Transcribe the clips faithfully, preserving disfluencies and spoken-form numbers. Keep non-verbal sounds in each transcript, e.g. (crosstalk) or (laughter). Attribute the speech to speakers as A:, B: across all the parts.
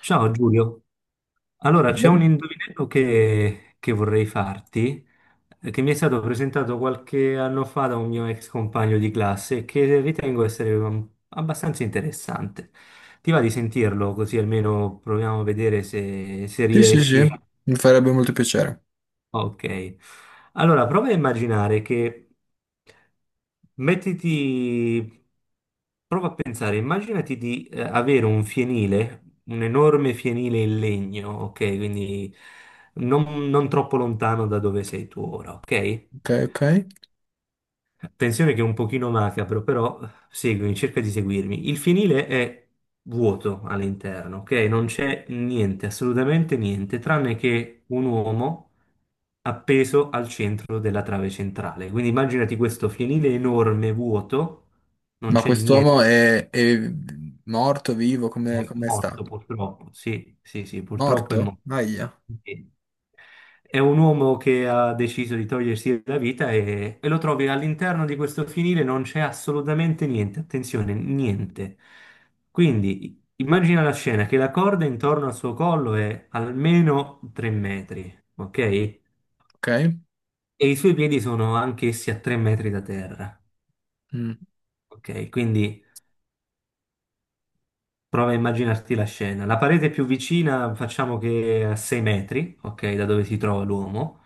A: Ciao Giulio, allora c'è un indovinello che, che vorrei farti, eh, che mi è stato presentato qualche anno fa da un mio ex compagno di classe e che ritengo essere um, abbastanza interessante. Ti va di sentirlo così almeno proviamo a vedere se, se
B: Sì, sì, sì,
A: riesci?
B: mi farebbe molto piacere.
A: Ok. Allora, prova a immaginare che mettiti, prova a pensare, immaginati di eh, avere un fienile, un enorme fienile in legno, ok? Quindi non, non troppo lontano da dove sei tu ora, ok?
B: Ok, ok.
A: Tensione che è un pochino macabro, però seguimi, cerca di seguirmi. Il finile è vuoto all'interno, ok? Non c'è niente, assolutamente niente, tranne che un uomo appeso al centro della trave centrale. Quindi immaginati questo finile enorme, vuoto, non
B: Ma
A: c'è niente,
B: quest'uomo è, è morto, vivo, come,
A: è
B: come sta?
A: morto purtroppo. Sì, sì, sì, purtroppo è
B: Morto?
A: morto.
B: Aia,
A: Ok. È un uomo che ha deciso di togliersi la vita e, e lo trovi all'interno di questo finire, non c'è assolutamente niente, attenzione, niente. Quindi immagina la scena che la corda intorno al suo collo è almeno tre metri, ok? E
B: ok.
A: i suoi piedi sono anch'essi a tre metri da terra,
B: Mm.
A: ok? Quindi prova a immaginarti la scena. La parete più vicina facciamo che è a sei metri, ok, da dove si trova l'uomo.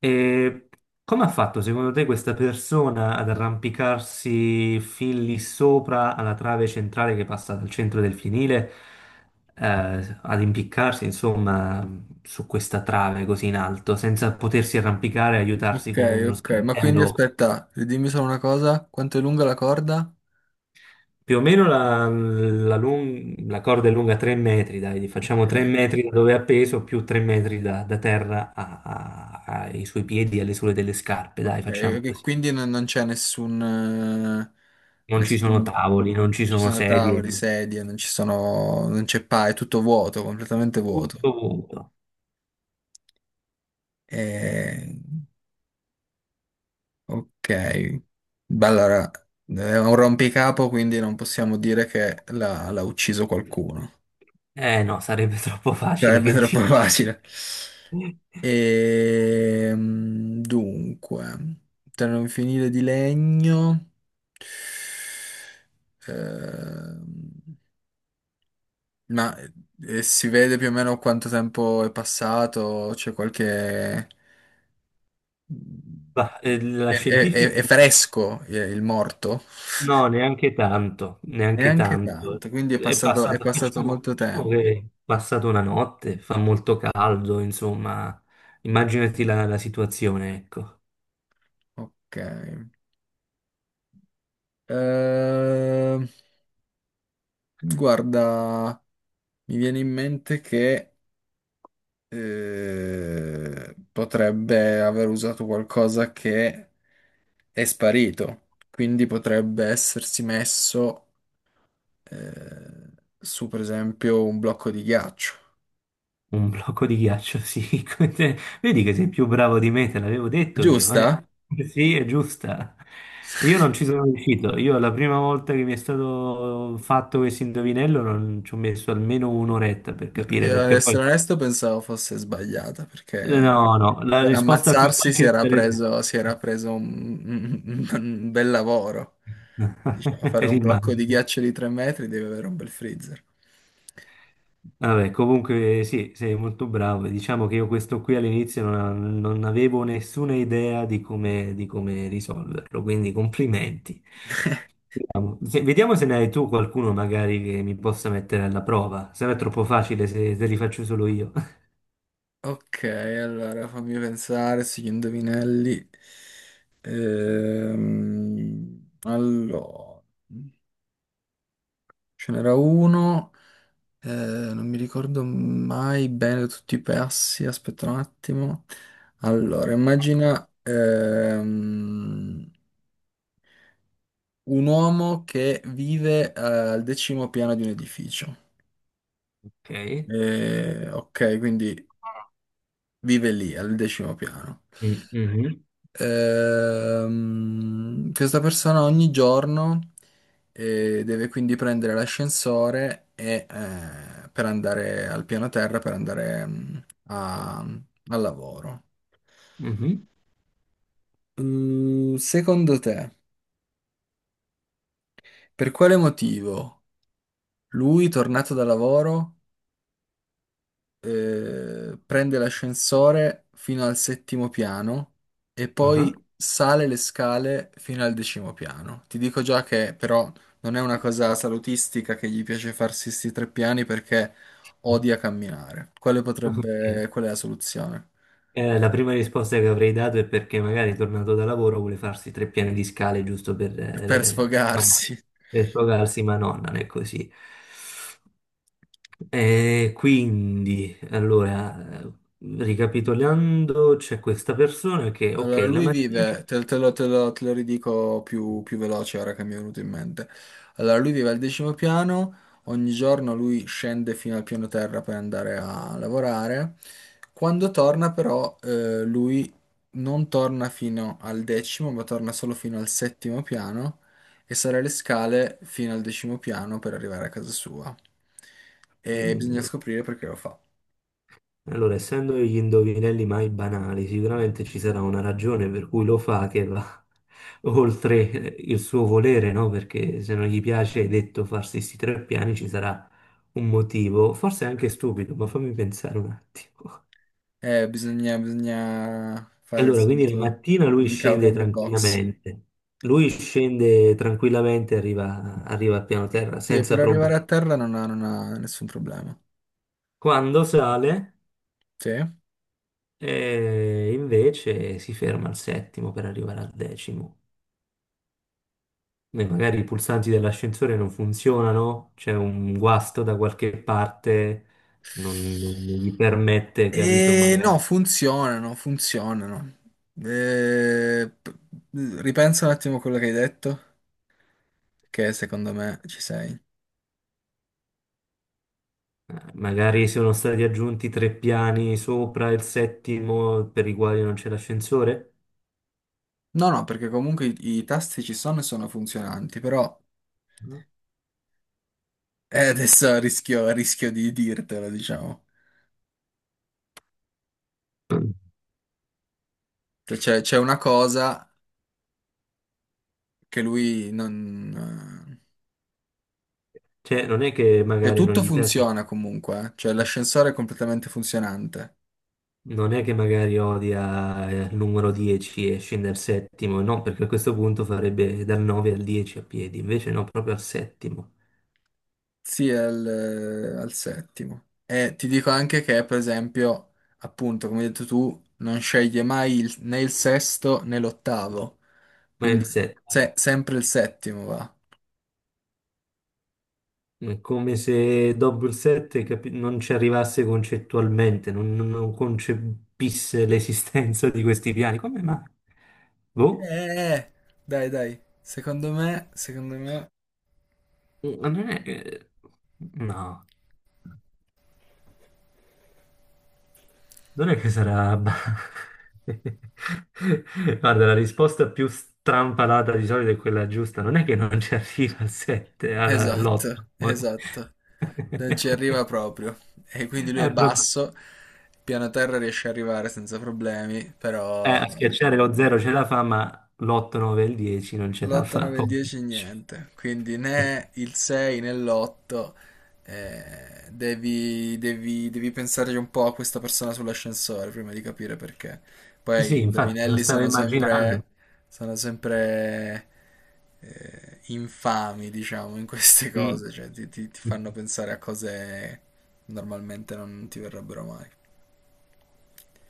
A: E come ha fatto secondo te questa persona ad arrampicarsi fin lì sopra alla trave centrale che passa dal centro del fienile, eh, ad impiccarsi insomma su questa trave così in alto, senza potersi arrampicare e aiutarsi
B: Ok,
A: con uno
B: ok. Ma quindi
A: sgabello?
B: aspetta, dimmi solo una cosa, quanto è lunga la corda?
A: Più o meno la, la lung- la corda è lunga tre metri, dai, gli facciamo tre
B: Ok,
A: metri da dove è appeso più tre metri da, da terra a- a- ai suoi piedi, alle suole delle scarpe, dai,
B: ok.
A: facciamo
B: E
A: così.
B: quindi non, non c'è nessun, eh,
A: Non ci sono
B: nessun...
A: tavoli, non ci
B: Non ci
A: sono
B: sono
A: sedie,
B: tavoli, sedie, non ci sono... non c'è pa, è tutto vuoto, completamente vuoto.
A: tutto vuoto.
B: E... Ok, beh, allora è un rompicapo, quindi non possiamo dire che l'ha l'ha ucciso qualcuno.
A: Eh no, sarebbe (laughs) troppo facile,
B: Sarebbe (laughs)
A: che
B: troppo
A: dici?
B: facile.
A: (laughs)
B: Ehm, dunque, per non finire di legno, ehm, ma eh, si vede più o meno quanto tempo è passato? C'è qualche...
A: Ma, eh, la
B: È, è- è-
A: scientifica...
B: è fresco eh, il morto?
A: No, neanche tanto, neanche
B: Neanche
A: tanto.
B: tanto, quindi è
A: È
B: passato, è
A: passata,
B: passato
A: facciamo,
B: molto
A: diciamo
B: tempo.
A: che è passata una notte, fa molto caldo, insomma, immaginati la, la situazione, ecco,
B: Ok. Ehm, guarda, mi viene in mente che eh, potrebbe aver usato qualcosa che è sparito, quindi potrebbe essersi messo eh, su, per esempio, un blocco di ghiaccio.
A: un blocco di ghiaccio, sì. (laughs) Come te. Vedi che sei più bravo di me, te l'avevo detto io, eh.
B: Giusta?
A: Sì, è giusta. Io non ci sono riuscito, io la prima volta che mi è stato fatto questo indovinello non ci ho messo almeno un'oretta per capire,
B: Io, ad
A: perché poi...
B: essere onesto, pensavo fosse sbagliata perché.
A: No, no, la
B: Per
A: risposta più
B: ammazzarsi si
A: facile
B: era
A: sarebbe...
B: preso, si era preso un, un- un bel lavoro. Diceva, fare
A: (laughs)
B: un blocco di
A: Immagino.
B: ghiaccio di tre metri deve avere un bel freezer.
A: Vabbè, comunque sì, sei molto bravo. Diciamo che io questo qui all'inizio non, non avevo nessuna idea di come, di come risolverlo, quindi complimenti.
B: (laughs)
A: Vediamo. Se, vediamo se ne hai tu qualcuno magari che mi possa mettere alla prova, se no è troppo facile se, se li faccio solo io. (laughs)
B: Ok, allora fammi pensare, sugli indovinelli. Ehm, allora, ce n'era uno, eh, non mi ricordo mai bene tutti i passi, aspetta un attimo. Allora, immagina, ehm, un uomo che vive eh, al decimo piano di un edificio.
A: Ok.
B: Eh, ok, quindi vive lì, al decimo piano.
A: Mm, mhm,
B: Ehm, questa persona ogni giorno eh, deve quindi prendere l'ascensore e, eh, per andare al piano terra, per andare mm, a- al lavoro.
A: mhm,
B: Mm, secondo te, per quale motivo lui, tornato da lavoro, eh, prende l'ascensore fino al settimo piano e
A: aha.
B: poi sale le scale fino al decimo piano. Ti dico già che però non è una cosa salutistica che gli piace farsi questi tre piani perché odia camminare. Quale
A: Ok.
B: potrebbe, qual è la soluzione?
A: Eh, la prima risposta che avrei dato è perché magari tornato da lavoro vuole farsi tre piani di scale giusto per,
B: Per
A: eh, ma no,
B: sfogarsi.
A: per sfogarsi, ma no, non è così. Eh, quindi, allora, eh, ricapitolando, c'è questa persona che,
B: Allora,
A: ok, la
B: lui
A: mattina,
B: vive, te, te lo, te lo- te lo ridico più, più veloce ora che mi è venuto in mente. Allora, lui vive al decimo piano, ogni giorno lui scende fino al piano terra per andare a lavorare. Quando torna però, eh, lui non torna fino al decimo, ma torna solo fino al settimo piano e sale le scale fino al decimo piano per arrivare a casa sua. E bisogna
A: quindi
B: scoprire perché lo fa.
A: allora, essendo gli indovinelli mai banali, sicuramente ci sarà una ragione per cui lo fa che va (laughs) oltre il suo volere, no? Perché se non gli piace, hai detto, farsi questi tre piani, ci sarà un motivo, forse anche stupido, ma fammi pensare un attimo.
B: Eh, bisogna, bisogna
A: (laughs)
B: fare il
A: Allora, quindi la
B: solito
A: mattina lui
B: think out
A: scende
B: of the box.
A: tranquillamente, lui scende tranquillamente, arriva, arriva al piano terra
B: Sì,
A: senza
B: per arrivare a
A: problemi.
B: terra non ha, non ha nessun problema.
A: Quando sale,
B: Sì.
A: eh, invece si ferma al settimo per arrivare al decimo. Beh, magari i pulsanti dell'ascensore non funzionano, c'è un guasto da qualche parte, non, non gli permette, capito?
B: E no,
A: Magari,
B: funzionano, funzionano. Eh, p- ripensa un attimo a quello che hai detto, che secondo me ci sei.
A: eh, magari sono stati aggiunti tre piani sopra il settimo per i quali non c'è l'ascensore.
B: No, no, perché comunque i, i tasti ci sono e sono funzionanti, però
A: No.
B: eh, adesso (laughs) rischio, rischio di dirtelo, diciamo. Cioè, C'è c'è una cosa che lui non...
A: Cioè, non è che
B: Cioè,
A: magari non
B: tutto
A: gli piace,
B: funziona comunque, eh. Cioè l'ascensore è completamente funzionante.
A: non è che magari odia eh, il numero dieci e scende al settimo, no, perché a questo punto farebbe dal nove al dieci a piedi, invece no, proprio al settimo.
B: Sì, è al, al settimo. E ti dico anche che, per esempio, appunto, come hai detto tu, non sceglie mai il- né il sesto né l'ottavo.
A: Ma è il
B: Quindi
A: settimo.
B: se- sempre il settimo va.
A: È come se Double sette capi- non ci arrivasse concettualmente, non, non non concepisse l'esistenza di questi piani. Come mai? Boh,
B: Eh, dai, dai. Secondo me, secondo me...
A: ma non è che... No, non è che sarà... (laughs) Guarda, la risposta più strampalata di solito è quella giusta. Non è che non ci arriva al sette,
B: Esatto,
A: all'otto.
B: esatto. Non ci arriva proprio. E quindi lui è
A: (laughs)
B: basso. Piano terra riesce ad arrivare senza problemi,
A: Eh,
B: però...
A: a schiacciare lo zero ce la fa, ma l'otto, nove e il dieci non ce la
B: L'otto,
A: fa.
B: nove e il dieci
A: Poveraccio.
B: niente, quindi né il sei né l'otto devi, devi, devi pensarci un po' a questa persona sull'ascensore prima di capire perché. Poi i
A: Sì, infatti, lo
B: indovinelli
A: stavo
B: sono
A: immaginando.
B: sempre, sono sempre eh, infami, diciamo, in queste
A: Mm.
B: cose, cioè ti, ti- ti fanno pensare a cose normalmente non ti verrebbero mai.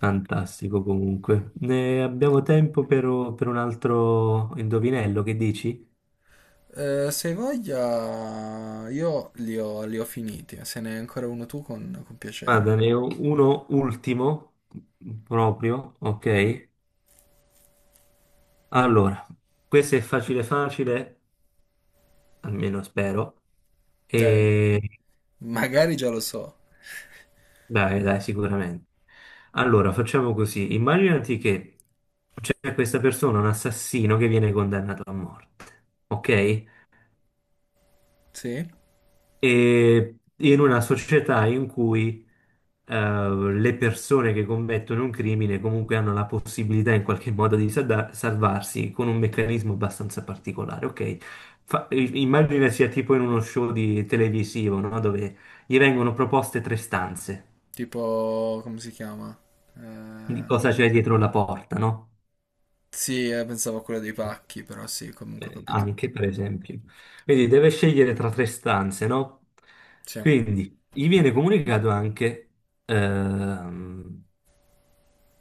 A: Fantastico comunque. Ne abbiamo tempo per, per un altro indovinello, che dici?
B: Eh, se hai voglia, io li ho, li ho finiti, se ne hai ancora uno tu con con piacere.
A: Guarda, ne ho uno ultimo, proprio, ok? Allora, questo è facile facile, almeno spero.
B: Dai,
A: E
B: magari già lo so.
A: dai, dai, sicuramente. Allora, facciamo così. Immaginati che c'è questa persona, un assassino, che viene condannato a morte, ok?
B: Sì?
A: E in una società in cui eh, le persone che commettono un crimine comunque hanno la possibilità in qualche modo di sada- salvarsi con un meccanismo abbastanza particolare, ok? Fa- i- immagina sia tipo in uno show di televisivo, no? Dove gli vengono proposte tre stanze
B: Tipo, come si chiama?
A: di
B: Eh,
A: cosa c'è dietro la porta, no?
B: sì, eh, pensavo a quella dei pacchi, però sì, comunque ho
A: Eh,
B: capito.
A: anche per esempio. Quindi deve scegliere tra tre stanze, no?
B: Sì.
A: Quindi gli viene comunicato anche, ehm,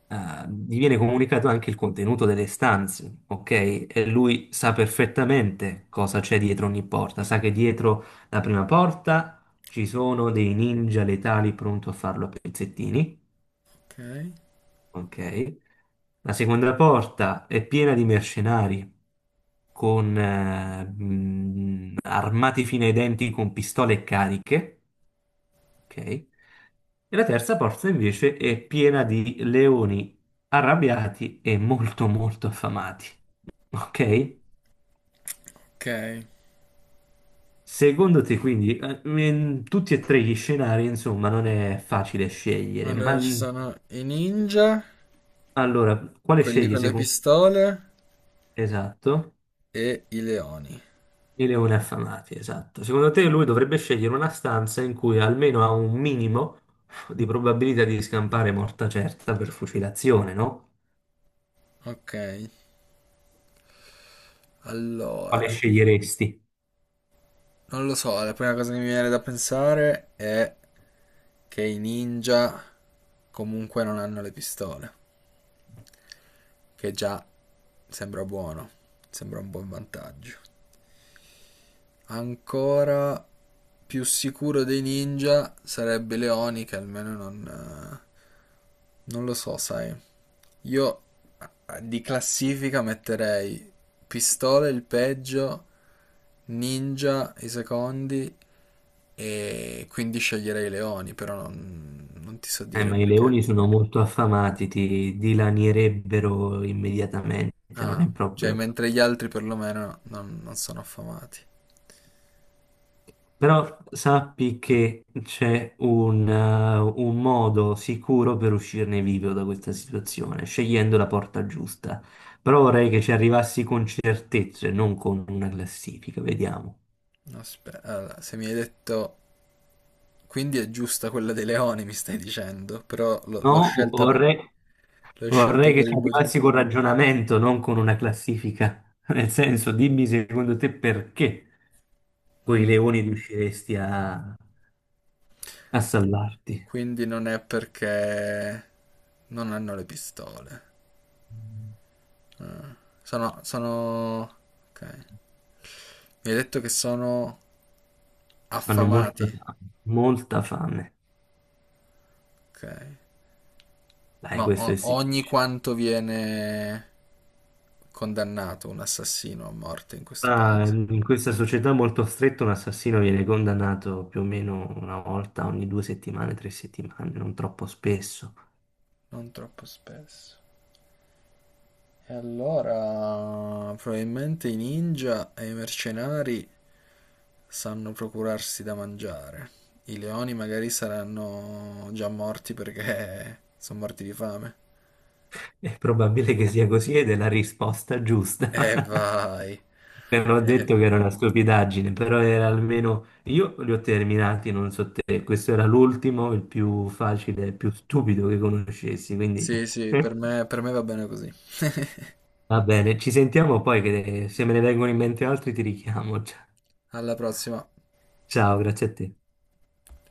A: eh, gli viene comunicato anche il contenuto delle stanze, ok? E lui sa perfettamente cosa c'è dietro ogni porta, sa che dietro la prima porta ci sono dei ninja letali pronto a farlo a pezzettini,
B: Ok.
A: ok? La seconda porta è piena di mercenari con eh, mh, armati fino ai denti con pistole cariche, ok? E la terza porta invece è piena di leoni arrabbiati e molto molto affamati, ok?
B: Ok.
A: Secondo te quindi eh, in tutti e tre gli scenari, insomma, non è facile scegliere, ma
B: Allora ci
A: mh,
B: sono i ninja,
A: allora, quale
B: quelli
A: scegli
B: con le
A: secondo...
B: pistole
A: Esatto.
B: e i leoni.
A: I leoni affamati, esatto. Secondo te lui dovrebbe scegliere una stanza in cui almeno ha un minimo di probabilità di scampare morta certa per fucilazione, no?
B: Ok.
A: Quale
B: Allora,
A: sceglieresti?
B: non lo so, la prima cosa che mi viene da pensare è che i ninja comunque non hanno le pistole. Che già sembra buono, sembra un buon vantaggio. Ancora più sicuro dei ninja sarebbe Leoni che almeno non... eh, non lo so, sai. Io eh, di classifica metterei Pistola il peggio, Ninja i secondi e quindi sceglierei Leoni, però non, non ti so
A: Eh,
B: dire
A: ma i
B: perché.
A: leoni sono molto affamati, ti dilanierebbero immediatamente, non è
B: Ah, cioè
A: proprio...
B: mentre gli altri perlomeno non non sono affamati.
A: Però sappi che c'è un, eh, un modo sicuro per uscirne vivo da questa situazione, scegliendo la porta giusta. Però vorrei che ci arrivassi con certezze, non con una classifica, vediamo.
B: Aspetta, allora, se mi hai detto... Quindi è giusta quella dei leoni, mi stai dicendo, però l'ho l'ho
A: No,
B: scelta, per-
A: vorrei,
B: l'ho scelta
A: vorrei che
B: per
A: ci
B: il motivo...
A: arrivassi con ragionamento, non con una classifica. (laughs) Nel senso, dimmi secondo te perché con i
B: Mm.
A: leoni riusciresti a, a
B: Allora,
A: salvarti.
B: quindi non è perché non hanno le pistole. Ah. Sono, sono... Ok. Mi hai detto che sono
A: Hanno molta
B: affamati?
A: fame, molta fame.
B: Ok.
A: Dai,
B: Ma
A: questo è
B: o-
A: sì.
B: ogni quanto viene condannato un assassino a morte in questo
A: Ah,
B: paese?
A: in questa società molto stretta un assassino viene condannato più o meno una volta ogni due settimane, tre settimane, non troppo spesso.
B: Non troppo spesso. E allora, probabilmente i ninja e i mercenari sanno procurarsi da mangiare. I leoni magari saranno già morti perché (laughs) sono morti di fame.
A: È probabile che sia così ed è la risposta giusta.
B: E
A: (laughs)
B: vai.
A: Non ho detto
B: Eh,
A: che era una stupidaggine, però era almeno... Io li ho terminati, non so te, questo era l'ultimo, il più facile, il più stupido che conoscessi, quindi...
B: sì, sì, per me
A: (laughs)
B: per me va bene così.
A: Va bene, ci sentiamo poi che se me ne vengono in mente altri ti richiamo.
B: Alla prossima.
A: Ciao, grazie a te.